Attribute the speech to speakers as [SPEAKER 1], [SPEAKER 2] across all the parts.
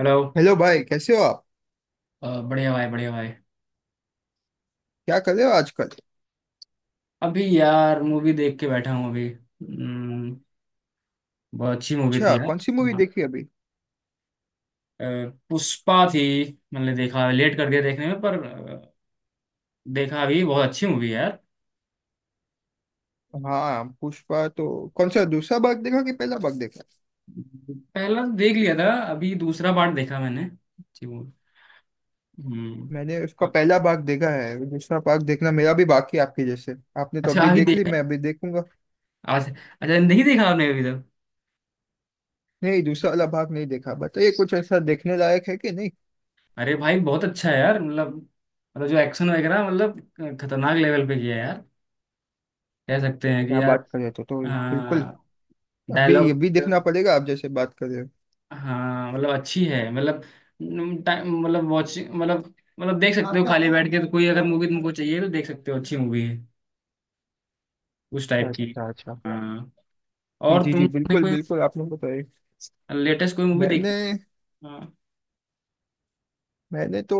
[SPEAKER 1] Hello.
[SPEAKER 2] Hello भाई। कैसे हो आप?
[SPEAKER 1] बढ़िया भाई, बढ़िया भाई।
[SPEAKER 2] क्या कर रहे हो आजकल?
[SPEAKER 1] अभी यार मूवी देख के बैठा हूँ अभी। बहुत अच्छी मूवी थी
[SPEAKER 2] अच्छा,
[SPEAKER 1] यार।
[SPEAKER 2] कौन सी मूवी
[SPEAKER 1] हाँ।
[SPEAKER 2] देखी अभी?
[SPEAKER 1] अ, पुष्पा थी। मैंने देखा, लेट कर दिया देखने में, पर देखा अभी। बहुत अच्छी मूवी है यार।
[SPEAKER 2] हाँ, पुष्पा तो। कौन सा दूसरा भाग देखा कि पहला भाग देखा?
[SPEAKER 1] पहला तो देख लिया था, अभी दूसरा पार्ट देखा मैंने। अच्छी मूवी। हम्म।
[SPEAKER 2] मैंने उसका पहला भाग देखा है, दूसरा भाग देखना मेरा भी बाकी है, आपके जैसे। आपने तो
[SPEAKER 1] अच्छा
[SPEAKER 2] अभी
[SPEAKER 1] अभी
[SPEAKER 2] देख ली,
[SPEAKER 1] देखा
[SPEAKER 2] मैं
[SPEAKER 1] है?
[SPEAKER 2] अभी देखूंगा।
[SPEAKER 1] आज अच्छा नहीं देखा आपने अभी तक?
[SPEAKER 2] नहीं, दूसरा वाला भाग नहीं देखा। बताइए, कुछ ऐसा देखने लायक है कि नहीं?
[SPEAKER 1] अरे भाई बहुत अच्छा है यार। मतलब, जो एक्शन वगैरह मतलब खतरनाक लेवल पे किया है यार, कह सकते हैं कि।
[SPEAKER 2] क्या बात कर रहे थे! तो बिल्कुल।
[SPEAKER 1] हाँ।
[SPEAKER 2] अभी
[SPEAKER 1] डायलॉग।
[SPEAKER 2] अभी देखना पड़ेगा, आप जैसे बात कर रहे हो।
[SPEAKER 1] हाँ मतलब अच्छी है मतलब, टाइम, मतलब वॉचिंग, मतलब देख सकते हो। आपका खाली बैठ के तो, कोई अगर मूवी तुमको चाहिए तो देख सकते हो, अच्छी मूवी है उस टाइप की।
[SPEAKER 2] अच्छा अच्छा,
[SPEAKER 1] हाँ।
[SPEAKER 2] जी
[SPEAKER 1] और
[SPEAKER 2] जी जी,
[SPEAKER 1] तुमने
[SPEAKER 2] बिल्कुल
[SPEAKER 1] कोई
[SPEAKER 2] बिल्कुल, आपने बताया।
[SPEAKER 1] लेटेस्ट कोई मूवी
[SPEAKER 2] मैंने
[SPEAKER 1] देखी? हाँ,
[SPEAKER 2] मैंने तो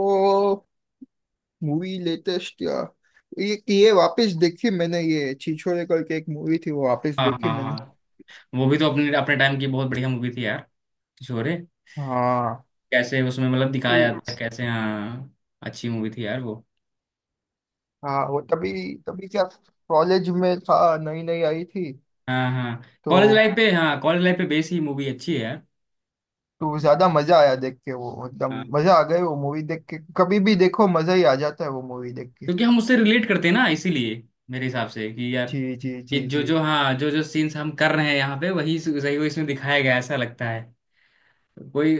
[SPEAKER 2] मूवी लेटेस्ट, या ये वापस देखी मैंने, ये छिछोरे करके एक मूवी थी, वो वापस
[SPEAKER 1] हाँ,
[SPEAKER 2] देखी
[SPEAKER 1] हाँ,
[SPEAKER 2] मैंने।
[SPEAKER 1] हाँ। वो भी तो अपने अपने टाइम की बहुत बढ़िया मूवी थी यार। छोरे।
[SPEAKER 2] हाँ
[SPEAKER 1] कैसे उसमें मतलब दिखाया
[SPEAKER 2] वो-
[SPEAKER 1] था, कैसे। हाँ। अच्छी मूवी थी यार वो।
[SPEAKER 2] हाँ, वो तभी, तभी क्या, कॉलेज में था, नई नई आई थी।
[SPEAKER 1] हाँ, हाँ,
[SPEAKER 2] तो
[SPEAKER 1] कॉलेज लाइफ पे, हाँ कॉलेज लाइफ पे बेस ही मूवी अच्छी है यार।
[SPEAKER 2] तो ज्यादा मजा आया देख के, वो एकदम
[SPEAKER 1] हाँ।
[SPEAKER 2] मजा आ गई वो मूवी देख के। कभी भी देखो मजा ही आ जाता है वो मूवी देख के।
[SPEAKER 1] क्योंकि हम उससे रिलेट करते हैं ना इसीलिए, मेरे हिसाब से कि यार,
[SPEAKER 2] जी जी
[SPEAKER 1] ये
[SPEAKER 2] जी
[SPEAKER 1] जो
[SPEAKER 2] जी
[SPEAKER 1] जो, हाँ, जो जो सीन्स हम कर रहे हैं यहाँ पे वही सही, वो इसमें दिखाया गया है, ऐसा लगता है। कोई,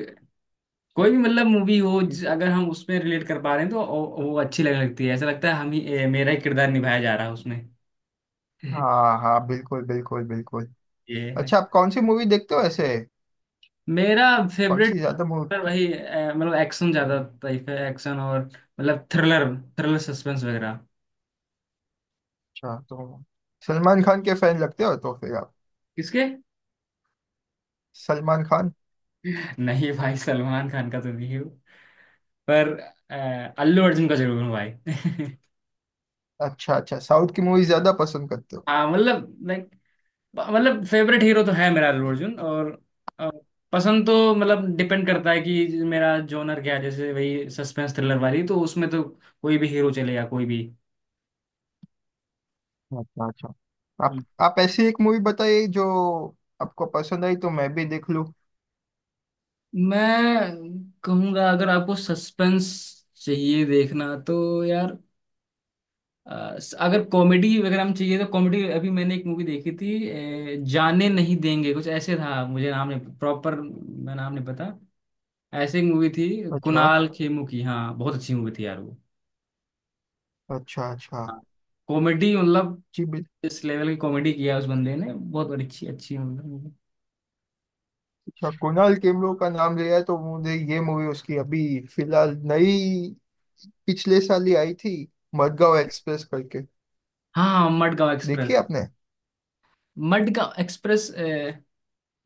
[SPEAKER 1] कोई भी मतलब मूवी हो,
[SPEAKER 2] जी,
[SPEAKER 1] अगर हम उसमें रिलेट कर पा रहे हैं तो वो अच्छी लगने लगती है, ऐसा लगता है हम ही, मेरा ही किरदार निभाया जा रहा है उसमें।
[SPEAKER 2] हाँ हाँ, बिल्कुल बिल्कुल बिल्कुल।
[SPEAKER 1] ये है।
[SPEAKER 2] अच्छा, आप कौन सी मूवी देखते हो ऐसे?
[SPEAKER 1] मेरा
[SPEAKER 2] कौन
[SPEAKER 1] फेवरेट,
[SPEAKER 2] सी ज्यादा मूवी?
[SPEAKER 1] वही मतलब एक्शन ज्यादा टाइप है, एक्शन और मतलब थ्रिलर, थ्रिलर सस्पेंस वगैरह।
[SPEAKER 2] अच्छा, तो सलमान खान के फैन लगते हो तो फिर आप?
[SPEAKER 1] किसके?
[SPEAKER 2] सलमान खान।
[SPEAKER 1] नहीं भाई, सलमान खान का तो नहीं है वो। पर अ, अल्लू अर्जुन का जरूर हूँ भाई।
[SPEAKER 2] अच्छा अच्छा, साउथ की मूवी ज्यादा पसंद करते हो?
[SPEAKER 1] हाँ मतलब लाइक, मतलब फेवरेट हीरो तो है मेरा अल्लू अर्जुन, और अ, पसंद तो मतलब डिपेंड करता है कि मेरा जोनर क्या है। जैसे वही सस्पेंस थ्रिलर वाली तो उसमें तो कोई भी हीरो चलेगा, कोई भी।
[SPEAKER 2] अच्छा अच्छा। आप
[SPEAKER 1] हम्म।
[SPEAKER 2] आप ऐसी एक मूवी बताइए जो आपको पसंद आई, तो मैं भी देख लूं।
[SPEAKER 1] मैं कहूंगा, अगर आपको सस्पेंस चाहिए देखना तो यार, अगर कॉमेडी वगैरह में चाहिए तो कॉमेडी, अभी मैंने एक मूवी देखी थी, जाने नहीं देंगे कुछ ऐसे था, मुझे नाम नहीं प्रॉपर, मैं नाम नहीं पता, ऐसी मूवी थी।
[SPEAKER 2] अच्छा
[SPEAKER 1] कुणाल खेमू की, हाँ बहुत अच्छी मूवी थी यार वो।
[SPEAKER 2] अच्छा अच्छा,
[SPEAKER 1] हाँ, कॉमेडी मतलब,
[SPEAKER 2] जी बिल्कुल।
[SPEAKER 1] इस लेवल की कॉमेडी किया उस बंदे ने, बहुत बड़ी अच्छी अच्छी मतलब मूवी।
[SPEAKER 2] अच्छा, कुणाल खेमरो का नाम लिया है तो मुझे ये मूवी उसकी अभी, फिलहाल नई, पिछले साल ही आई थी, मडगांव एक्सप्रेस करके।
[SPEAKER 1] हाँ, हाँ, मडगांव
[SPEAKER 2] देखी
[SPEAKER 1] एक्सप्रेस।
[SPEAKER 2] आपने?
[SPEAKER 1] मडगांव एक्सप्रेस, अ,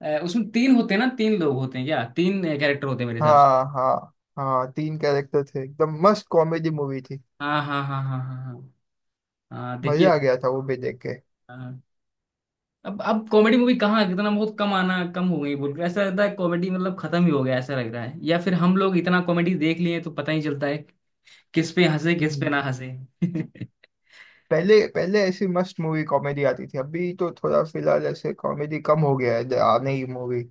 [SPEAKER 1] अ, उसमें तीन होते हैं ना, तीन लोग होते हैं क्या, तीन कैरेक्टर होते हैं मेरे हिसाब से।
[SPEAKER 2] हाँ हाँ हाँ, तीन कैरेक्टर थे, एकदम मस्त कॉमेडी मूवी थी।
[SPEAKER 1] हाँ, हाँ, हाँ, हाँ, हाँ, हाँ, हाँ, देखिए।
[SPEAKER 2] मजा आ गया था वो भी देख के।
[SPEAKER 1] हाँ। अब कॉमेडी मूवी कहाँ, कितना बहुत कम आना, कम हो गई, बोल के ऐसा लगता है कॉमेडी मतलब खत्म ही हो गया, ऐसा लग रहा है। या फिर हम लोग इतना कॉमेडी देख लिए तो पता ही चलता है किस पे हंसे, किस पे ना
[SPEAKER 2] हम्म।
[SPEAKER 1] हंसे।
[SPEAKER 2] पहले पहले ऐसी मस्त मूवी कॉमेडी आती थी, अभी तो थोड़ा फिलहाल ऐसे कॉमेडी कम हो गया है, आ नहीं मूवी।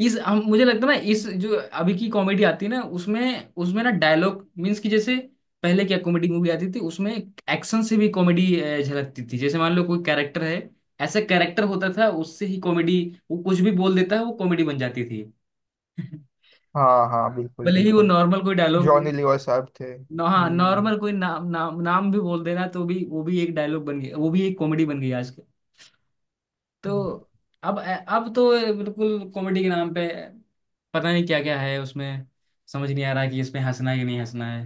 [SPEAKER 1] इस हम, मुझे लगता है ना, इस जो अभी की कॉमेडी आती है ना उसमें उसमें ना डायलॉग मीन्स कि, जैसे पहले क्या कॉमेडी मूवी आती थी, उसमें एक्शन से भी कॉमेडी झलकती थी। जैसे मान लो कोई कैरेक्टर है, ऐसा कैरेक्टर होता था उससे ही कॉमेडी, वो कुछ भी बोल देता है वो कॉमेडी बन जाती थी।
[SPEAKER 2] हाँ हाँ, बिल्कुल
[SPEAKER 1] भले ही वो
[SPEAKER 2] बिल्कुल।
[SPEAKER 1] नॉर्मल कोई डायलॉग।
[SPEAKER 2] जॉनी लीवर साहब थे।
[SPEAKER 1] हाँ,
[SPEAKER 2] हम्म।
[SPEAKER 1] नॉर्मल कोई नाम, नाम, नाम भी बोल देना तो भी वो भी एक डायलॉग बन गया, वो भी एक कॉमेडी बन गई आज तो। अब तो बिल्कुल कॉमेडी के नाम पे पता नहीं क्या क्या है उसमें, समझ नहीं आ रहा कि इसमें हंसना है कि नहीं हंसना है।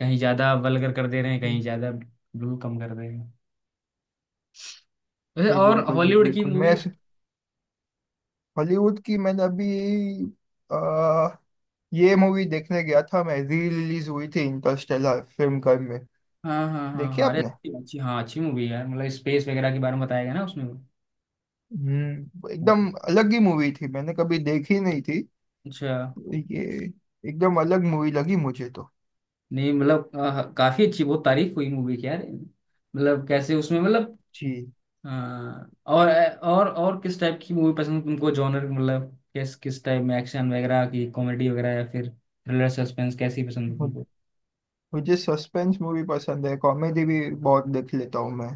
[SPEAKER 1] कहीं ज्यादा वल्गर कर दे रहे हैं,
[SPEAKER 2] जी
[SPEAKER 1] कहीं ज्यादा ब्लू कम कर दे रहे हैं। वैसे,
[SPEAKER 2] जी,
[SPEAKER 1] और
[SPEAKER 2] बिल्कुल जी
[SPEAKER 1] हॉलीवुड की
[SPEAKER 2] बिल्कुल। मैं
[SPEAKER 1] मूवी?
[SPEAKER 2] हॉलीवुड की, मैंने अभी आ, ये मूवी देखने गया था, मैं री रिलीज हुई थी, इंटरस्टेलर फिल्म घर में।
[SPEAKER 1] हाँ, हाँ, हाँ,
[SPEAKER 2] देखी
[SPEAKER 1] हाँ, अरे
[SPEAKER 2] आपने?
[SPEAKER 1] अच्छी, अच्छी, हाँ अच्छी मूवी है यार, मतलब स्पेस वगैरह के बारे में बताया गया ना उसमें, वो।
[SPEAKER 2] एकदम अलग ही मूवी थी, मैंने कभी देखी नहीं थी
[SPEAKER 1] अच्छा।
[SPEAKER 2] ये। एकदम अलग मूवी लगी मुझे तो।
[SPEAKER 1] नहीं मतलब काफी अच्छी, बहुत तारीफ हुई मूवी की यार, मतलब कैसे उसमें मतलब।
[SPEAKER 2] जी।
[SPEAKER 1] हाँ, और किस टाइप की मूवी पसंद तुमको, जॉनर मतलब? किस किस टाइप में, एक्शन वगैरह की, कॉमेडी वगैरह, या फिर थ्रिलर सस्पेंस, कैसी पसंद है तुमको?
[SPEAKER 2] मुझे सस्पेंस मूवी पसंद है, कॉमेडी भी बहुत देख लेता हूँ मैं।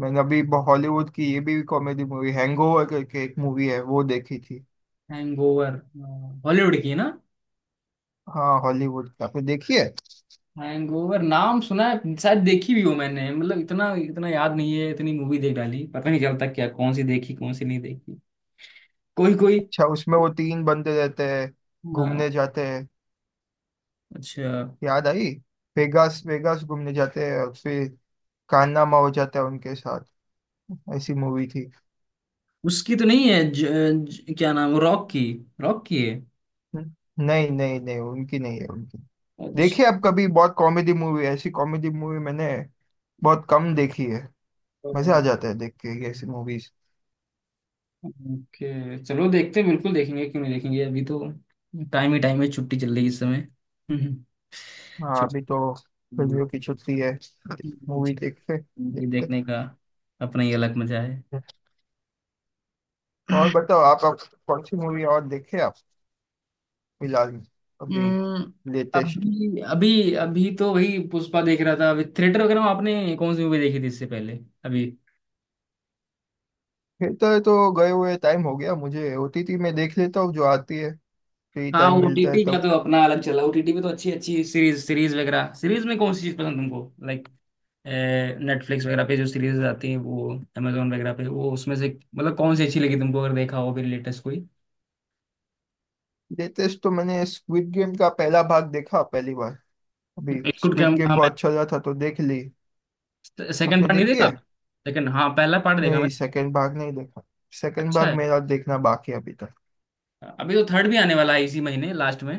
[SPEAKER 2] मैंने अभी हॉलीवुड की ये भी कॉमेडी मूवी, हैंगओवर करके एक मूवी है, वो देखी थी।
[SPEAKER 1] हैंगओवर? हॉलीवुड की है ना?
[SPEAKER 2] हाँ, हॉलीवुड की। आपने देखी है?
[SPEAKER 1] हैंगओवर नाम सुना है, शायद देखी भी हो मैंने, मतलब इतना इतना याद नहीं है, इतनी मूवी देख डाली पता नहीं चलता क्या, कौन सी देखी कौन सी नहीं देखी, कोई कोई।
[SPEAKER 2] अच्छा, उसमें वो तीन बंदे रहते हैं, घूमने
[SPEAKER 1] हाँ।
[SPEAKER 2] जाते हैं।
[SPEAKER 1] अच्छा,
[SPEAKER 2] याद आई, वेगास वेगास घूमने जाते हैं और फिर कारनामा हो जाता है उनके साथ। ऐसी मूवी थी।
[SPEAKER 1] उसकी तो नहीं है, ज, ज, क्या नाम, रॉक की? रॉक की है?
[SPEAKER 2] नहीं नहीं नहीं, उनकी नहीं है, उनकी।
[SPEAKER 1] अच्छा।
[SPEAKER 2] देखिए आप कभी, बहुत कॉमेडी मूवी, ऐसी कॉमेडी मूवी मैंने बहुत कम देखी है। मजे आ जाते हैं देख के ये ऐसी मूवीज।
[SPEAKER 1] ओके चलो देखते हैं, बिल्कुल देखेंगे, क्यों नहीं देखेंगे, अभी तो टाइम ही टाइम है, छुट्टी चल रही है इस समय। हम्म,
[SPEAKER 2] हाँ, अभी तो गर्मियों की
[SPEAKER 1] छुट्टी,
[SPEAKER 2] छुट्टी है। मूवी
[SPEAKER 1] छुट्टी।
[SPEAKER 2] देखते देखते।
[SPEAKER 1] देखने का अपना ही अलग मजा है।
[SPEAKER 2] और बताओ, आप कौन सी मूवी और देखे आप फिलहाल में? अभी,
[SPEAKER 1] हम्म,
[SPEAKER 2] लेटेस्ट।
[SPEAKER 1] अभी अभी अभी तो वही पुष्पा देख रहा था। अभी थिएटर वगैरह में आपने कौन सी मूवी देखी थी इससे पहले, अभी?
[SPEAKER 2] थिएटर तो गए हुए टाइम हो गया मुझे, ओटीटी में देख लेता हूँ जो आती है, फ्री
[SPEAKER 1] हाँ,
[SPEAKER 2] टाइम मिलता है
[SPEAKER 1] ओटीटी का
[SPEAKER 2] तब।
[SPEAKER 1] तो अपना अलग चला। ओटीटी पे तो अच्छी अच्छी सीरीज, सीरीज वगैरह। सीरीज में कौन सी चीज पसंद तुमको? लाइक नेटफ्लिक्स वगैरह पे जो सीरीज आती है वो, अमेजोन वगैरह पे वो, उसमें से मतलब कौन सी अच्छी लगी तुमको, अगर देखा हो फिर, लेटेस्ट कोई।
[SPEAKER 2] लेटेस्ट तो मैंने स्क्विड गेम का पहला भाग देखा, पहली बार। अभी
[SPEAKER 1] it could
[SPEAKER 2] Squid
[SPEAKER 1] come.
[SPEAKER 2] Game
[SPEAKER 1] हाँ,
[SPEAKER 2] बहुत चल रहा था तो देख ली।
[SPEAKER 1] मैं सेकंड
[SPEAKER 2] आपने
[SPEAKER 1] पार्ट नहीं
[SPEAKER 2] देखी
[SPEAKER 1] देखा।
[SPEAKER 2] है?
[SPEAKER 1] लेकिन हाँ, पहला पार्ट देखा
[SPEAKER 2] नहीं,
[SPEAKER 1] मैंने।
[SPEAKER 2] सेकंड भाग नहीं देखा। सेकंड
[SPEAKER 1] अच्छा
[SPEAKER 2] भाग
[SPEAKER 1] है।
[SPEAKER 2] मेरा देखना बाकी है अभी।
[SPEAKER 1] अभी तो थर्ड भी आने वाला है इसी महीने लास्ट में।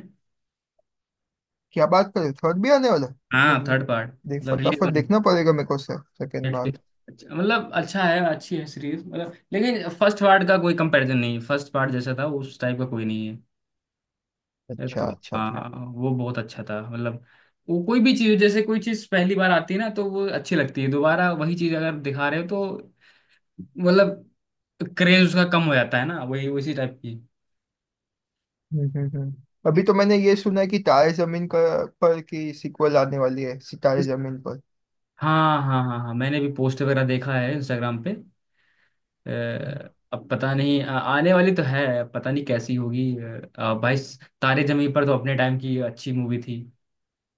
[SPEAKER 2] क्या बात कर रहे, थर्ड भी आने वाला है तो?
[SPEAKER 1] हाँ,
[SPEAKER 2] फिर
[SPEAKER 1] थर्ड पार्ट।
[SPEAKER 2] देख,
[SPEAKER 1] मतलब
[SPEAKER 2] फटाफट
[SPEAKER 1] रिलीज।
[SPEAKER 2] देखना पड़ेगा मेरे को, सर। सेकंड बार।
[SPEAKER 1] नेटफ्लिक्स। अच्छा, मतलब अच्छा है, अच्छी है सीरीज मतलब, लेकिन फर्स्ट पार्ट का कोई कंपैरिजन नहीं है। फर्स्ट पार्ट जैसा था उस टाइप का कोई नहीं है। ये
[SPEAKER 2] अच्छा
[SPEAKER 1] तो
[SPEAKER 2] अच्छा, जी।
[SPEAKER 1] हाँ, वो बहुत अच्छा था मतलब। वो कोई भी चीज, जैसे कोई चीज पहली बार आती है ना तो वो अच्छी लगती है, दोबारा वही चीज अगर दिखा रहे हो तो मतलब क्रेज उसका कम हो जाता है ना, वही उसी टाइप की।
[SPEAKER 2] हम्म हम्म हम्म। अभी तो मैंने ये सुना है कि तारे जमीन पर की सीक्वल आने वाली है, सितारे जमीन पर।
[SPEAKER 1] हाँ, हाँ, हाँ, हाँ, मैंने भी पोस्ट वगैरह देखा है इंस्टाग्राम पे। अ,
[SPEAKER 2] हम्म।
[SPEAKER 1] अब पता नहीं, आने वाली तो है, पता नहीं कैसी होगी, भाई। तारे जमीन पर तो अपने टाइम की अच्छी मूवी थी,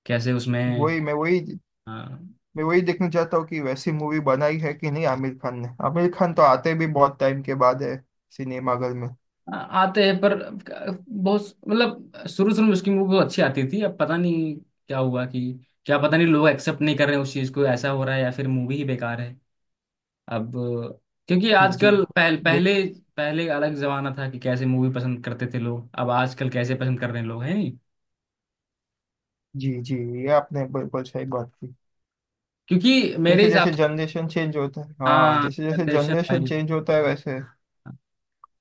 [SPEAKER 1] कैसे उसमें।
[SPEAKER 2] वही मैं वही
[SPEAKER 1] हाँ।
[SPEAKER 2] मैं वही देखना चाहता हूँ कि वैसी मूवी बनाई है कि नहीं, आमिर खान ने। आमिर खान तो आते भी बहुत टाइम के बाद है, सिनेमाघर में।
[SPEAKER 1] आते हैं पर, बहुत मतलब शुरू शुरू में उसकी मूवी बहुत अच्छी आती थी। अब पता नहीं क्या हुआ कि, क्या पता नहीं लोग एक्सेप्ट नहीं कर रहे हैं उस चीज को, ऐसा हो रहा है, या फिर मूवी ही बेकार है अब। क्योंकि
[SPEAKER 2] जी जी,
[SPEAKER 1] आजकल पहल,
[SPEAKER 2] देख,
[SPEAKER 1] पहले पहले अलग जमाना था कि कैसे मूवी पसंद करते थे लोग, अब आजकल कैसे पसंद कर रहे हैं लोग, है नहीं?
[SPEAKER 2] जी जी, ये आपने बिल्कुल सही बात की।
[SPEAKER 1] क्योंकि मेरे
[SPEAKER 2] जैसे
[SPEAKER 1] हिसाब
[SPEAKER 2] जैसे
[SPEAKER 1] से,
[SPEAKER 2] जनरेशन चेंज होता है, हाँ,
[SPEAKER 1] हाँ
[SPEAKER 2] जैसे जैसे
[SPEAKER 1] जनरेशन
[SPEAKER 2] जनरेशन
[SPEAKER 1] वाइज।
[SPEAKER 2] चेंज होता है, वैसे।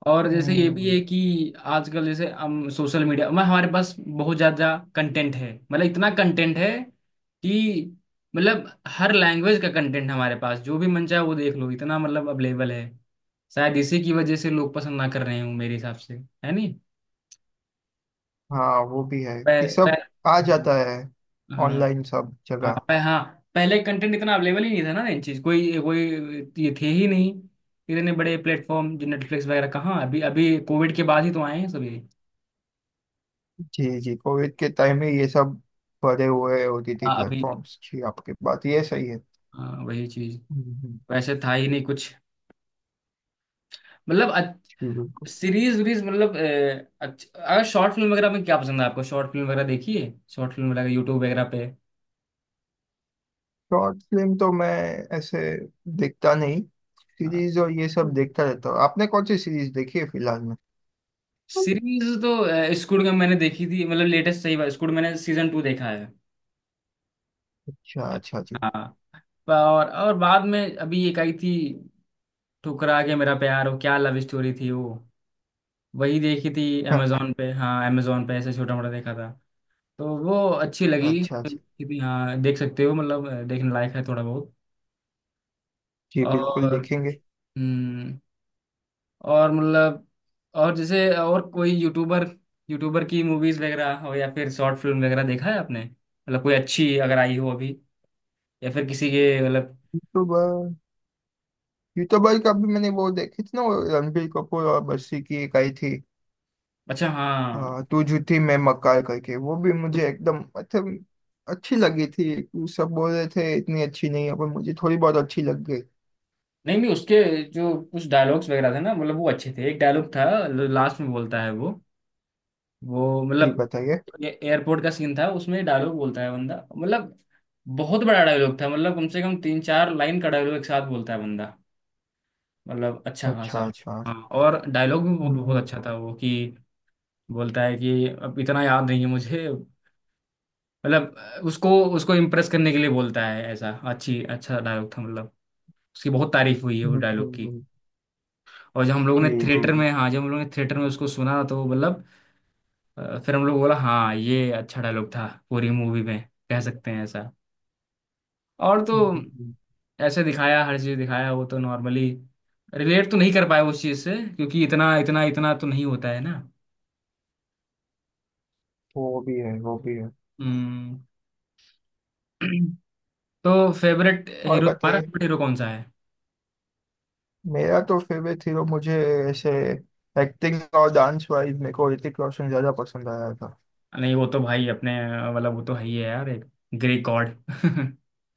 [SPEAKER 1] और जैसे ये भी
[SPEAKER 2] हम्म।
[SPEAKER 1] है कि आजकल जैसे हम सोशल मीडिया में, हमारे पास बहुत ज़्यादा कंटेंट है, मतलब इतना कंटेंट है कि मतलब हर लैंग्वेज का कंटेंट हमारे पास, जो भी मन चाहे वो देख लो, इतना मतलब अवेलेबल है। शायद इसी की वजह से लोग पसंद ना कर रहे हों, मेरे हिसाब से, है नहीं?
[SPEAKER 2] हाँ, वो भी है।
[SPEAKER 1] पह,
[SPEAKER 2] ये सब
[SPEAKER 1] पह,
[SPEAKER 2] आ जाता है
[SPEAKER 1] हाँ,
[SPEAKER 2] ऑनलाइन, सब
[SPEAKER 1] हाँ,
[SPEAKER 2] जगह।
[SPEAKER 1] हाँ, पहले कंटेंट इतना अवेलेबल ही नहीं था ना, इन चीज़ कोई, कोई ये थे ही नहीं। इतने बड़े प्लेटफॉर्म जो नेटफ्लिक्स वगैरह, कहाँ अभी अभी कोविड के बाद ही तो आए हैं सभी।
[SPEAKER 2] जी जी, कोविड के टाइम में ये सब बड़े हुए, होती थी
[SPEAKER 1] हाँ अभी,
[SPEAKER 2] प्लेटफॉर्म्स। जी, आपकी बात ये सही है।
[SPEAKER 1] हाँ वही चीज,
[SPEAKER 2] हम्म।
[SPEAKER 1] वैसे था ही नहीं कुछ, मतलब
[SPEAKER 2] जी बिल्कुल।
[SPEAKER 1] सीरीज वीरीज मतलब, अगर शॉर्ट फिल्म वगैरह में क्या पसंद है आपको? शॉर्ट फिल्म वगैरह देखी है, शॉर्ट फिल्म वगैरह यूट्यूब वगैरह पे?
[SPEAKER 2] शॉर्ट फिल्म तो मैं ऐसे देखता नहीं,
[SPEAKER 1] हाँ।
[SPEAKER 2] सीरीज और ये सब देखता रहता हूँ। आपने कौन सी सीरीज देखी है फिलहाल में?
[SPEAKER 1] सीरीज तो स्कूल में मैंने देखी थी, मतलब लेटेस्ट सही बात, स्कूल मैंने सीजन 2 देखा है।
[SPEAKER 2] अच्छा अच्छा, जी,
[SPEAKER 1] हाँ। और बाद में अभी एक आई थी, ठुकरा के मेरा प्यार, वो क्या लव स्टोरी थी वो, वही देखी थी।
[SPEAKER 2] हाँ।
[SPEAKER 1] अमेजोन पे, हाँ अमेजोन पे ऐसे छोटा मोटा देखा था। तो वो अच्छी लगी
[SPEAKER 2] अच्छा अच्छा,
[SPEAKER 1] कि, भी हाँ देख सकते हो मतलब, देखने लायक है थोड़ा बहुत।
[SPEAKER 2] जी बिल्कुल,
[SPEAKER 1] और,
[SPEAKER 2] देखेंगे।
[SPEAKER 1] हम्म, और मतलब, और जैसे और कोई यूट्यूबर, यूट्यूबर की मूवीज वगैरह हो, या फिर शॉर्ट फिल्म वगैरह देखा है आपने, मतलब कोई अच्छी अगर आई हो अभी, या फिर किसी के मतलब।
[SPEAKER 2] यूट्यूबर यूट्यूबर का भी मैंने वो देखी थी ना, वो रणबीर कपूर और बस्सी की एक आई थी।
[SPEAKER 1] अच्छा। हाँ
[SPEAKER 2] हाँ, तू झूठी मैं मक्कार करके, वो भी मुझे
[SPEAKER 1] कुछ।
[SPEAKER 2] एकदम, मतलब अच्छी लगी थी। तू, सब बोल रहे थे इतनी अच्छी नहीं है, पर मुझे थोड़ी बहुत अच्छी लग गई।
[SPEAKER 1] नहीं, नहीं, उसके जो कुछ डायलॉग्स वगैरह थे ना, मतलब वो अच्छे थे। एक डायलॉग था, लास्ट में बोलता है वो
[SPEAKER 2] जी,
[SPEAKER 1] मतलब।
[SPEAKER 2] बताइए।
[SPEAKER 1] ये एयरपोर्ट का सीन था, उसमें डायलॉग बोलता है बंदा मतलब। बहुत बड़ा डायलॉग था मतलब, कम से कम तीन चार लाइन का डायलॉग एक साथ बोलता है बंदा, मतलब अच्छा
[SPEAKER 2] अच्छा
[SPEAKER 1] खासा।
[SPEAKER 2] अच्छा।
[SPEAKER 1] हाँ। और डायलॉग भी बहुत
[SPEAKER 2] हम्म
[SPEAKER 1] बहुत
[SPEAKER 2] हम्म
[SPEAKER 1] अच्छा था वो, कि बोलता है कि, अब इतना याद नहीं है मुझे मतलब, उसको उसको इम्प्रेस करने के लिए बोलता है ऐसा, अच्छी अच्छा डायलॉग था मतलब। उसकी बहुत तारीफ हुई है वो डायलॉग की।
[SPEAKER 2] हम्म।
[SPEAKER 1] और जब हम लोगों
[SPEAKER 2] जी
[SPEAKER 1] ने
[SPEAKER 2] जी जी।
[SPEAKER 1] थिएटर में, हाँ जब हम लोगों ने थिएटर में उसको सुना तो मतलब, फिर हम लोग बोला हाँ, ये अच्छा डायलॉग था पूरी मूवी में, कह सकते हैं ऐसा। और तो
[SPEAKER 2] हम्म, हम्म।
[SPEAKER 1] ऐसे दिखाया हर चीज दिखाया वो तो नॉर्मली। रिलेट तो नहीं कर पाए उस चीज से, क्योंकि इतना इतना इतना तो नहीं होता है ना।
[SPEAKER 2] वो भी है, वो भी है।
[SPEAKER 1] हम्म। तो फेवरेट
[SPEAKER 2] और
[SPEAKER 1] हीरो तुम्हारा
[SPEAKER 2] बताइए।
[SPEAKER 1] फेवरेट हीरो कौन सा है?
[SPEAKER 2] मेरा तो फेवरेट हीरो, मुझे ऐसे एक्टिंग और डांस वाइज मेरे को ऋतिक रोशन ज्यादा पसंद आया था।
[SPEAKER 1] नहीं वो तो भाई अपने मतलब, वो तो है ही है यार, एक ग्रीक गॉड।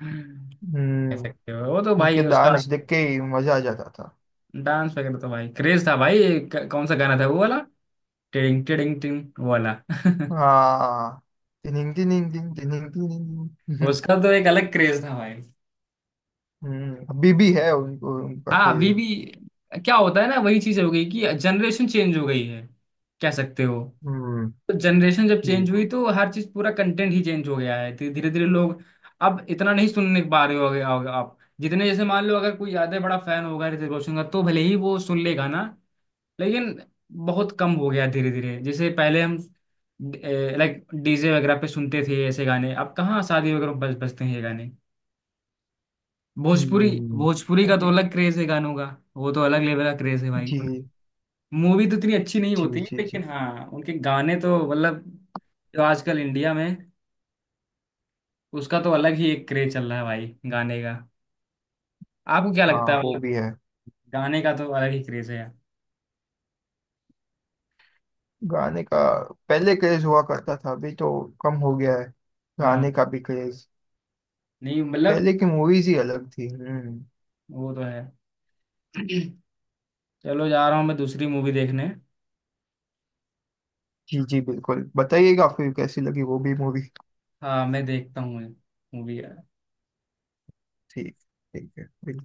[SPEAKER 1] कह
[SPEAKER 2] हम्म।
[SPEAKER 1] सकते हो, वो तो
[SPEAKER 2] उनके
[SPEAKER 1] भाई उसका।
[SPEAKER 2] डांस देख के ही मजा आ जाता था।
[SPEAKER 1] डांस वगैरह तो भाई क्रेज था भाई। कौन सा गाना था वो वाला, टिडिंग टिडिंग टिंग वो वाला।
[SPEAKER 2] हाँ, टिनिंग टिनिंग टिनिंग टिनिंग टिनिंग।
[SPEAKER 1] उसका तो एक अलग क्रेज था भाई।
[SPEAKER 2] अभी भी है उनको उनका
[SPEAKER 1] हाँ अभी
[SPEAKER 2] क्रेज।
[SPEAKER 1] भी। क्या होता है ना, वही चीज हो गई कि जनरेशन चेंज हो गई है, कह सकते हो।
[SPEAKER 2] हम्म।
[SPEAKER 1] तो जनरेशन जब
[SPEAKER 2] जी।
[SPEAKER 1] चेंज हुई तो हर चीज, पूरा कंटेंट ही चेंज हो गया है धीरे धीरे धीरे लोग। अब इतना नहीं सुनने पा रहे होगे होगे आप। जितने, जैसे मान लो अगर कोई ज्यादा बड़ा फैन होगा ऋतिक रोशन का तो भले ही वो सुन लेगा ना, लेकिन बहुत कम हो गया धीरे धीरे। जैसे पहले हम लाइक डीजे वगैरह पे सुनते थे ऐसे गाने, अब कहाँ शादी वगैरह में बज बजते हैं ये गाने? भोजपुरी,
[SPEAKER 2] हम्म।
[SPEAKER 1] भोजपुरी का तो
[SPEAKER 2] अभी।
[SPEAKER 1] अलग क्रेज है गानों का। वो तो अलग लेवल का क्रेज है भाई।
[SPEAKER 2] जी
[SPEAKER 1] मूवी तो इतनी अच्छी नहीं
[SPEAKER 2] जी
[SPEAKER 1] होती है,
[SPEAKER 2] जी जी।
[SPEAKER 1] लेकिन हाँ उनके गाने तो मतलब, जो आजकल इंडिया में, उसका तो अलग ही एक क्रेज चल रहा है भाई गाने का। आपको क्या
[SPEAKER 2] हाँ,
[SPEAKER 1] लगता है
[SPEAKER 2] वो
[SPEAKER 1] मतलब?
[SPEAKER 2] भी है।
[SPEAKER 1] गाने का तो अलग ही क्रेज है यार।
[SPEAKER 2] गाने का पहले क्रेज हुआ करता था, अभी तो कम हो गया है गाने
[SPEAKER 1] हाँ,
[SPEAKER 2] का भी क्रेज।
[SPEAKER 1] नहीं मतलब,
[SPEAKER 2] पहले की मूवीज ही अलग थी। हम्म।
[SPEAKER 1] वो तो है। चलो जा रहा हूँ मैं दूसरी मूवी देखने।
[SPEAKER 2] जी जी बिल्कुल, बताइएगा फिर कैसी लगी वो भी मूवी।
[SPEAKER 1] हाँ मैं देखता हूँ मूवी।
[SPEAKER 2] ठीक, ठीक है, बिल्कुल।